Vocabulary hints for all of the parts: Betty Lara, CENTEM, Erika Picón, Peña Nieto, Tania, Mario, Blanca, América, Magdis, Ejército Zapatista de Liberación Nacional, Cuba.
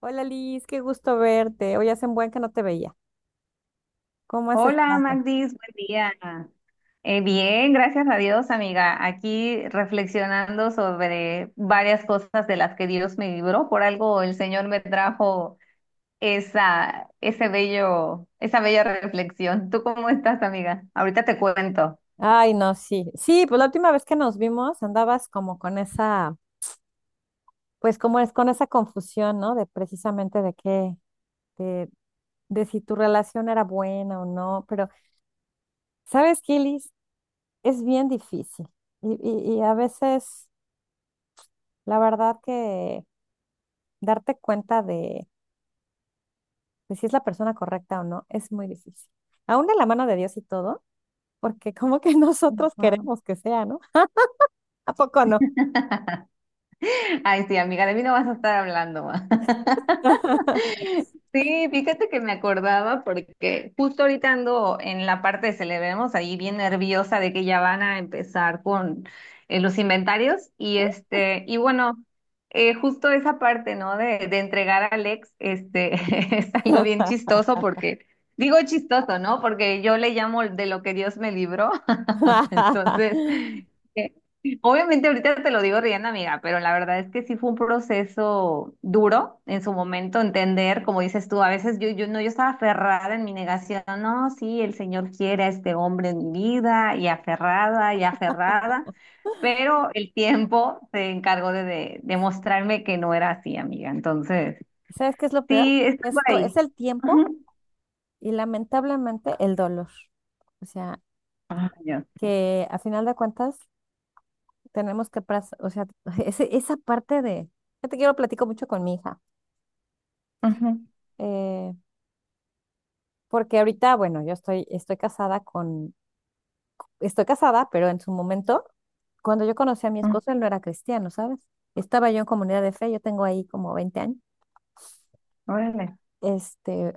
Hola Liz, qué gusto verte. Hoy hace un buen que no te veía. ¿Cómo has Hola estado? Magdis, buen día. Bien, gracias a Dios, amiga. Aquí reflexionando sobre varias cosas de las que Dios me libró. Por algo el Señor me trajo ese bello, esa bella reflexión. ¿Tú cómo estás, amiga? Ahorita te cuento. Ay, no, sí. Sí, pues la última vez que nos vimos andabas como con esa, pues como es con esa confusión, ¿no? De precisamente de qué, de, de si tu relación era buena o no. Pero, ¿sabes qué, Liz? Es bien difícil. Y a veces, la verdad que darte cuenta de si es la persona correcta o no es muy difícil. Aún de la mano de Dios y todo, porque como que nosotros Ujú. queremos que sea, ¿no? ¿A poco no? Ay, sí, amiga, de mí no vas a estar hablando. ma. Sí, fíjate que me acordaba porque justo ahorita ando en la parte de celebremos ahí bien nerviosa de que ya van a empezar con los inventarios y este y bueno, justo esa parte, ¿no? De entregar al ex este es algo bien chistoso porque digo chistoso, ¿no? Porque yo le llamo de lo que Dios me libró. Entonces, eh, obviamente ahorita te lo digo riendo, amiga, pero la verdad es que sí fue un proceso duro en su momento entender, como dices tú. A veces yo no, yo estaba aferrada en mi negación. No, sí, el Señor quiere a este hombre en mi vida, y aferrada, pero el tiempo se encargó de mostrarme que no era así, amiga. Entonces, ¿Sabes qué es lo peor? sí, está por Esto ahí. es el tiempo Ujú. y lamentablemente el dolor. O sea, Ay, Dios. que a final de cuentas tenemos que, o sea, esa parte de, yo te quiero platico mucho con mi hija, Ujú, eh, porque ahorita, bueno, yo estoy, estoy casada con, estoy casada, pero en su momento, cuando yo conocí a mi ujú. esposo, él no era cristiano, ¿sabes? Estaba yo en comunidad de fe, yo tengo ahí como 20 años. Órale. Este,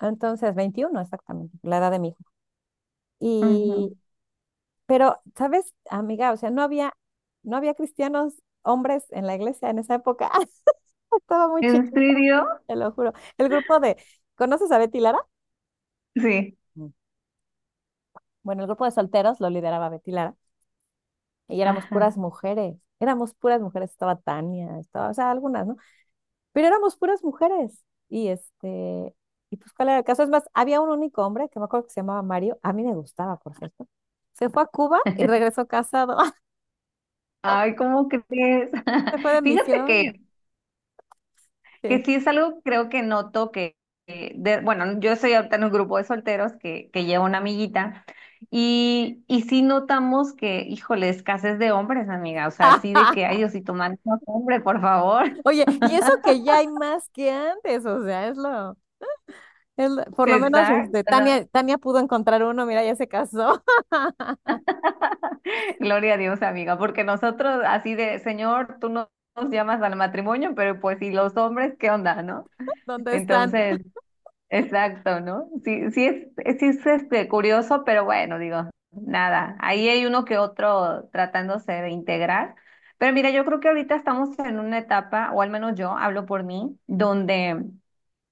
entonces, 21 exactamente, la edad de mi hijo. Y, Ujú. pero, ¿sabes, amiga? O sea, no había cristianos hombres en la iglesia en esa época. Estaba muy ¿En chiquita, serio? te lo juro. El grupo de, ¿conoces a Betty Lara? Sí. Mm. Bueno, el grupo de solteros lo lideraba Betty Lara y éramos Ajá. puras mujeres. Éramos puras mujeres, estaba Tania, estaba, o sea, algunas, ¿no? Pero éramos puras mujeres. Y este, y pues cuál era el caso. Es más, había un único hombre que me acuerdo que se llamaba Mario, a mí me gustaba, por cierto. Se fue a Cuba y regresó casado. Ay, ¿cómo crees? Se fue de Fíjate misión. Este. que sí es algo, creo que noto que de- bueno, yo soy ahorita en un grupo de solteros que lleva una amiguita y sí notamos que, híjole, escasez de hombres, amiga, o sea, así de que, ay, Diosito, mándanos hombre, por favor. Oye, y eso que ya hay más que antes, o sea, por lo menos este, Exacto, ¿no? Tania pudo encontrar uno, mira, ya se casó. Gloria a Dios, amiga, porque nosotros así de, Señor, tú no- nos llamas al matrimonio, pero pues, ¿y los hombres qué onda, no? ¿Dónde están? Entonces... Exacto, ¿no? Sí, sí es este, curioso, pero bueno, digo, nada, ahí hay uno que otro tratándose de integrar. Pero mira, yo creo que ahorita estamos en una etapa, o al menos yo hablo por mí, Ujú. donde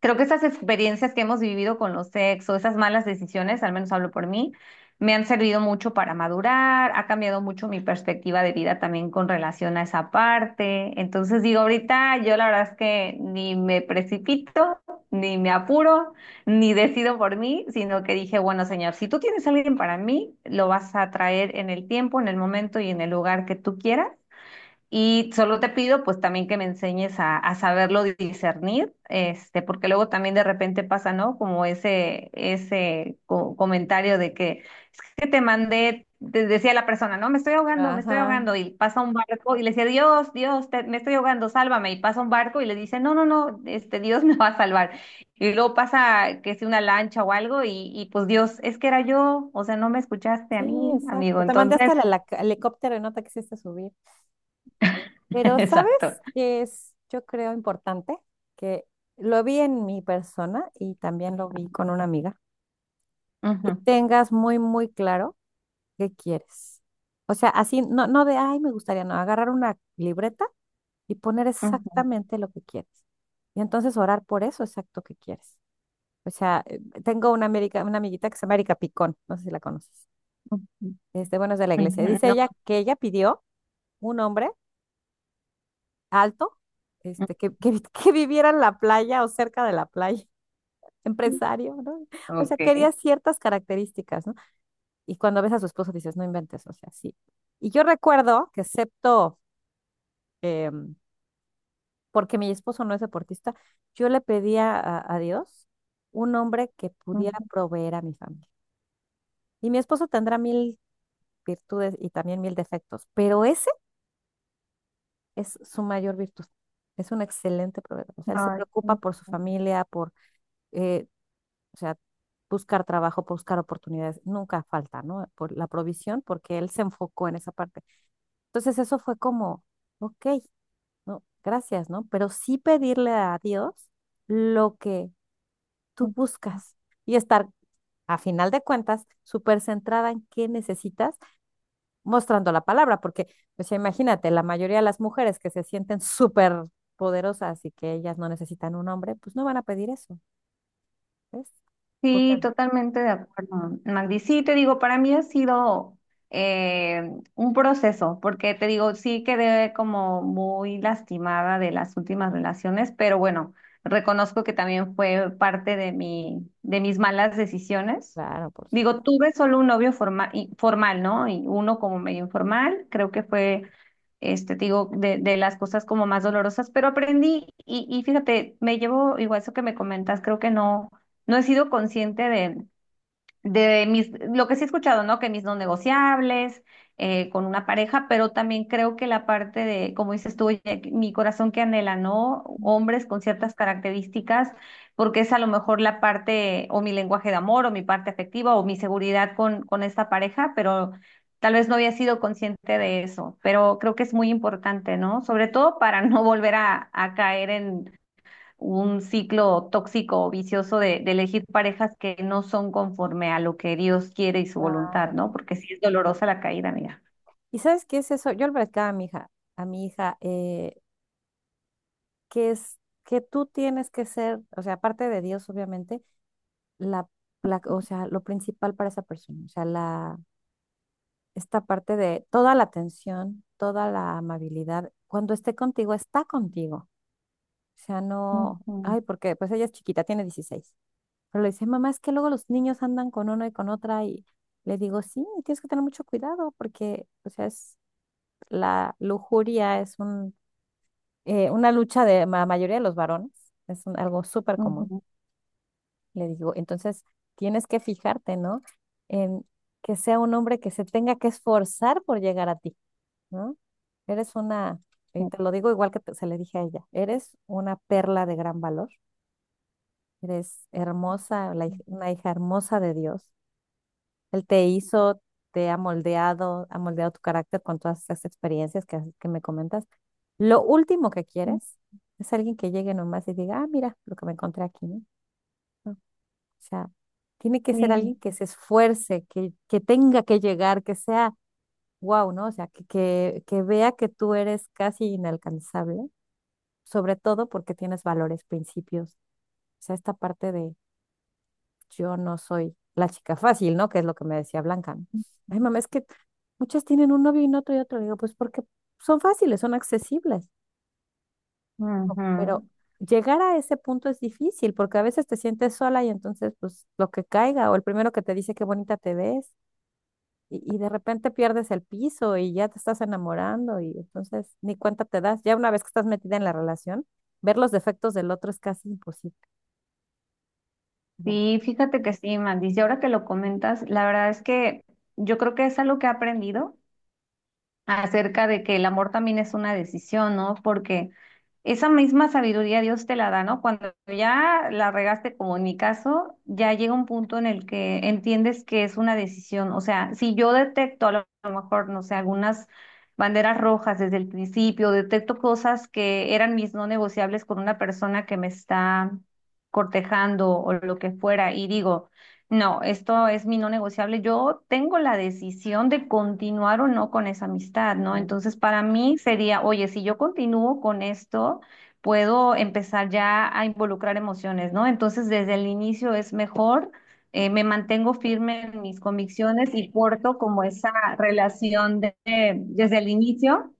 creo que esas experiencias que hemos vivido con los ex o esas malas decisiones, al menos hablo por mí, me han servido mucho para madurar. Ha cambiado mucho mi perspectiva de vida también con relación a esa parte. Entonces digo, ahorita yo la verdad es que ni me precipito, ni me apuro, ni decido por mí, sino que dije, bueno, señor, si tú tienes a alguien para mí, lo vas a traer en el tiempo, en el momento y en el lugar que tú quieras. Y solo te pido, pues también que me enseñes a saberlo discernir, este, porque luego también de repente pasa, ¿no? Como ese comentario de que es que te mandé, te decía la persona. No, me estoy Ajá, ahogando, y pasa un barco y le decía, Dios, Dios, me estoy ahogando, sálvame, y pasa un barco y le dice, no, no, no, este, Dios me va a salvar. Y luego pasa que si una lancha o algo, y pues Dios, es que era yo, o sea, no me escuchaste a sí, mí, amigo, exacto. Te mandé hasta entonces, el, helicóptero y no te quisiste subir. Pero exacto. ¿sabes qué es, yo creo, importante? Que lo vi en mi persona y también lo vi con una amiga, que Ujú, tengas muy, muy claro qué quieres. O sea, así, no, no de, ay, me gustaría, no, agarrar una libreta y poner ujú. exactamente lo que quieres. Y entonces orar por eso exacto que quieres. O sea, tengo una, América, una amiguita que se llama Erika Picón, no sé si la conoces. Ujú, Este, bueno, es de la iglesia. ujú, Dice No. ella que ella pidió un hombre alto, este, que viviera en la playa o cerca de la playa, Ujú, empresario, ¿no? O sea, Ok. quería ciertas características, ¿no? Y cuando ves a su esposo dices, no inventes, o sea, sí. Y yo recuerdo que excepto, eh, porque mi esposo no es deportista, yo le pedía a Dios un hombre que pudiera Ujú, proveer a mi familia. Y mi esposo tendrá mil virtudes y también mil defectos, pero ese es su mayor virtud. Es un excelente proveedor. O sea, él se ay, preocupa por su familia, por eh, o sea, buscar trabajo, buscar oportunidades, nunca falta, ¿no? Por la provisión, porque él se enfocó en esa parte. Entonces eso fue como, ok, no, gracias, ¿no? Pero sí pedirle a Dios lo que tú ujú. buscas y estar, a final de cuentas, súper centrada en qué necesitas, mostrando la palabra, porque, pues imagínate, la mayoría de las mujeres que se sienten súper poderosas y que ellas no necesitan un hombre, pues no van a pedir eso, ¿ves? Porque, Sí, totalmente de acuerdo, Magdi. Sí, te digo, para mí ha sido eh, un proceso, porque te digo, sí quedé como muy lastimada de las últimas relaciones, pero bueno, reconozco que también fue parte de de mis malas decisiones. claro, por supuesto. Digo, tuve solo un novio formal, ¿no? Y uno como medio informal, creo que fue, este, te digo, de las cosas como más dolorosas, pero aprendí y fíjate, me llevo, igual eso que me comentas, creo que no. No he sido consciente de mis, lo que sí he escuchado, ¿no? Que mis no negociables, con una pareja, pero también creo que la parte de, como dices tú, oye, mi corazón que anhela, ¿no? Hombres con ciertas características, porque es a lo mejor la parte, o mi lenguaje de amor, o mi parte afectiva, o mi seguridad con esta pareja, pero tal vez no había sido consciente de eso, pero creo que es muy importante, ¿no? Sobre todo para no volver a caer en un ciclo tóxico o vicioso de elegir parejas que no son conforme a lo que Dios quiere y su voluntad, Claro. ¿no? Porque sí es dolorosa la caída, amiga. ¿Y sabes qué es eso? Yo le platicaba a mi hija, que es que tú tienes que ser, o sea, aparte de Dios, obviamente, la, la, o sea, lo principal para esa persona, o sea, la, esta parte de toda la atención, toda la amabilidad, cuando esté contigo, está contigo. O sea, no, Ujú, ay, porque pues ella es chiquita, tiene 16. Pero le dice, mamá, es que luego los niños andan con uno y con otra y le digo, sí, tienes que tener mucho cuidado porque, o sea, es la lujuria, es un una lucha de la mayoría de los varones, algo súper común, ujú, le digo. Entonces, tienes que fijarte, ¿no? En que sea un hombre que se tenga que esforzar por llegar a ti, ¿no? Eres una, y ujú, te lo digo igual que se le dije a ella, eres una perla de gran valor, eres hermosa, una hija hermosa de Dios él te hizo, te ha moldeado tu carácter con todas esas experiencias que, que me comentas. Lo último que quieres es alguien que llegue nomás y diga, ah, mira lo que me encontré aquí, ¿no? No, o sea, tiene que ser Sí, alguien que se esfuerce, que tenga que llegar, que sea wow, ¿no? O sea, que vea que tú eres casi inalcanzable, sobre todo porque tienes valores, principios. O sea, esta parte yo no soy la chica fácil, ¿no? Que es lo que me decía Blanca. ¿No? Ay, mamá, es que muchas tienen un novio y un otro y otro. Le digo, pues porque son fáciles, son accesibles, ujú. pero llegar a ese punto es difícil porque a veces te sientes sola y entonces, pues lo que caiga o el primero que te dice qué bonita te ves y de repente pierdes el piso y ya te estás enamorando y entonces ni cuenta te das. Ya una vez que estás metida en la relación, ver los defectos del otro es casi imposible, ¿verdad? Sí, fíjate que sí, Mandis. Y ahora que lo comentas, la verdad es que yo creo que es algo que he aprendido acerca de que el amor también es una decisión, ¿no? Porque esa misma sabiduría Dios te la da, ¿no? Cuando ya la regaste, como en mi caso, ya llega un punto en el que entiendes que es una decisión. O sea, si yo detecto a lo mejor, no sé, algunas banderas rojas desde el principio, detecto cosas que eran mis no negociables con una persona que me está cortejando o lo que fuera, y digo, no, esto es mi no negociable. Yo tengo la decisión de continuar o no con esa amistad, ¿no? No, Entonces, para mí sería, oye, si yo continúo con esto, puedo empezar ya a involucrar emociones, ¿no? Entonces, desde el inicio es mejor, me mantengo firme en mis convicciones y porto como esa relación de, desde el inicio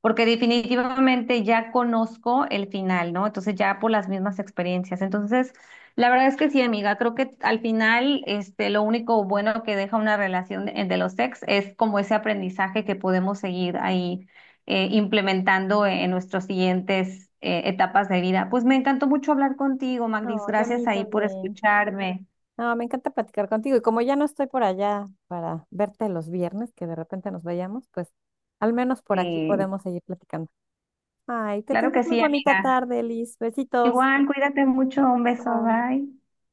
porque definitivamente ya conozco el final, ¿no? Entonces ya por las mismas experiencias. Entonces, la verdad es que sí, amiga, creo que al final, este, lo único bueno que deja una relación de los ex es como ese aprendizaje que podemos seguir ahí implementando en nuestras siguientes etapas de vida. Pues me encantó mucho hablar contigo, No, Magdis. y a Gracias mí ahí por también. escucharme. No, me encanta platicar contigo. Y como ya no estoy por allá para verte los viernes, que de repente nos vayamos, pues al menos por aquí Sí, podemos seguir platicando. Ay, que claro que tengas muy sí, bonita amiga. tarde, Liz. Besitos. Igual, cuídate mucho. Un beso, bye.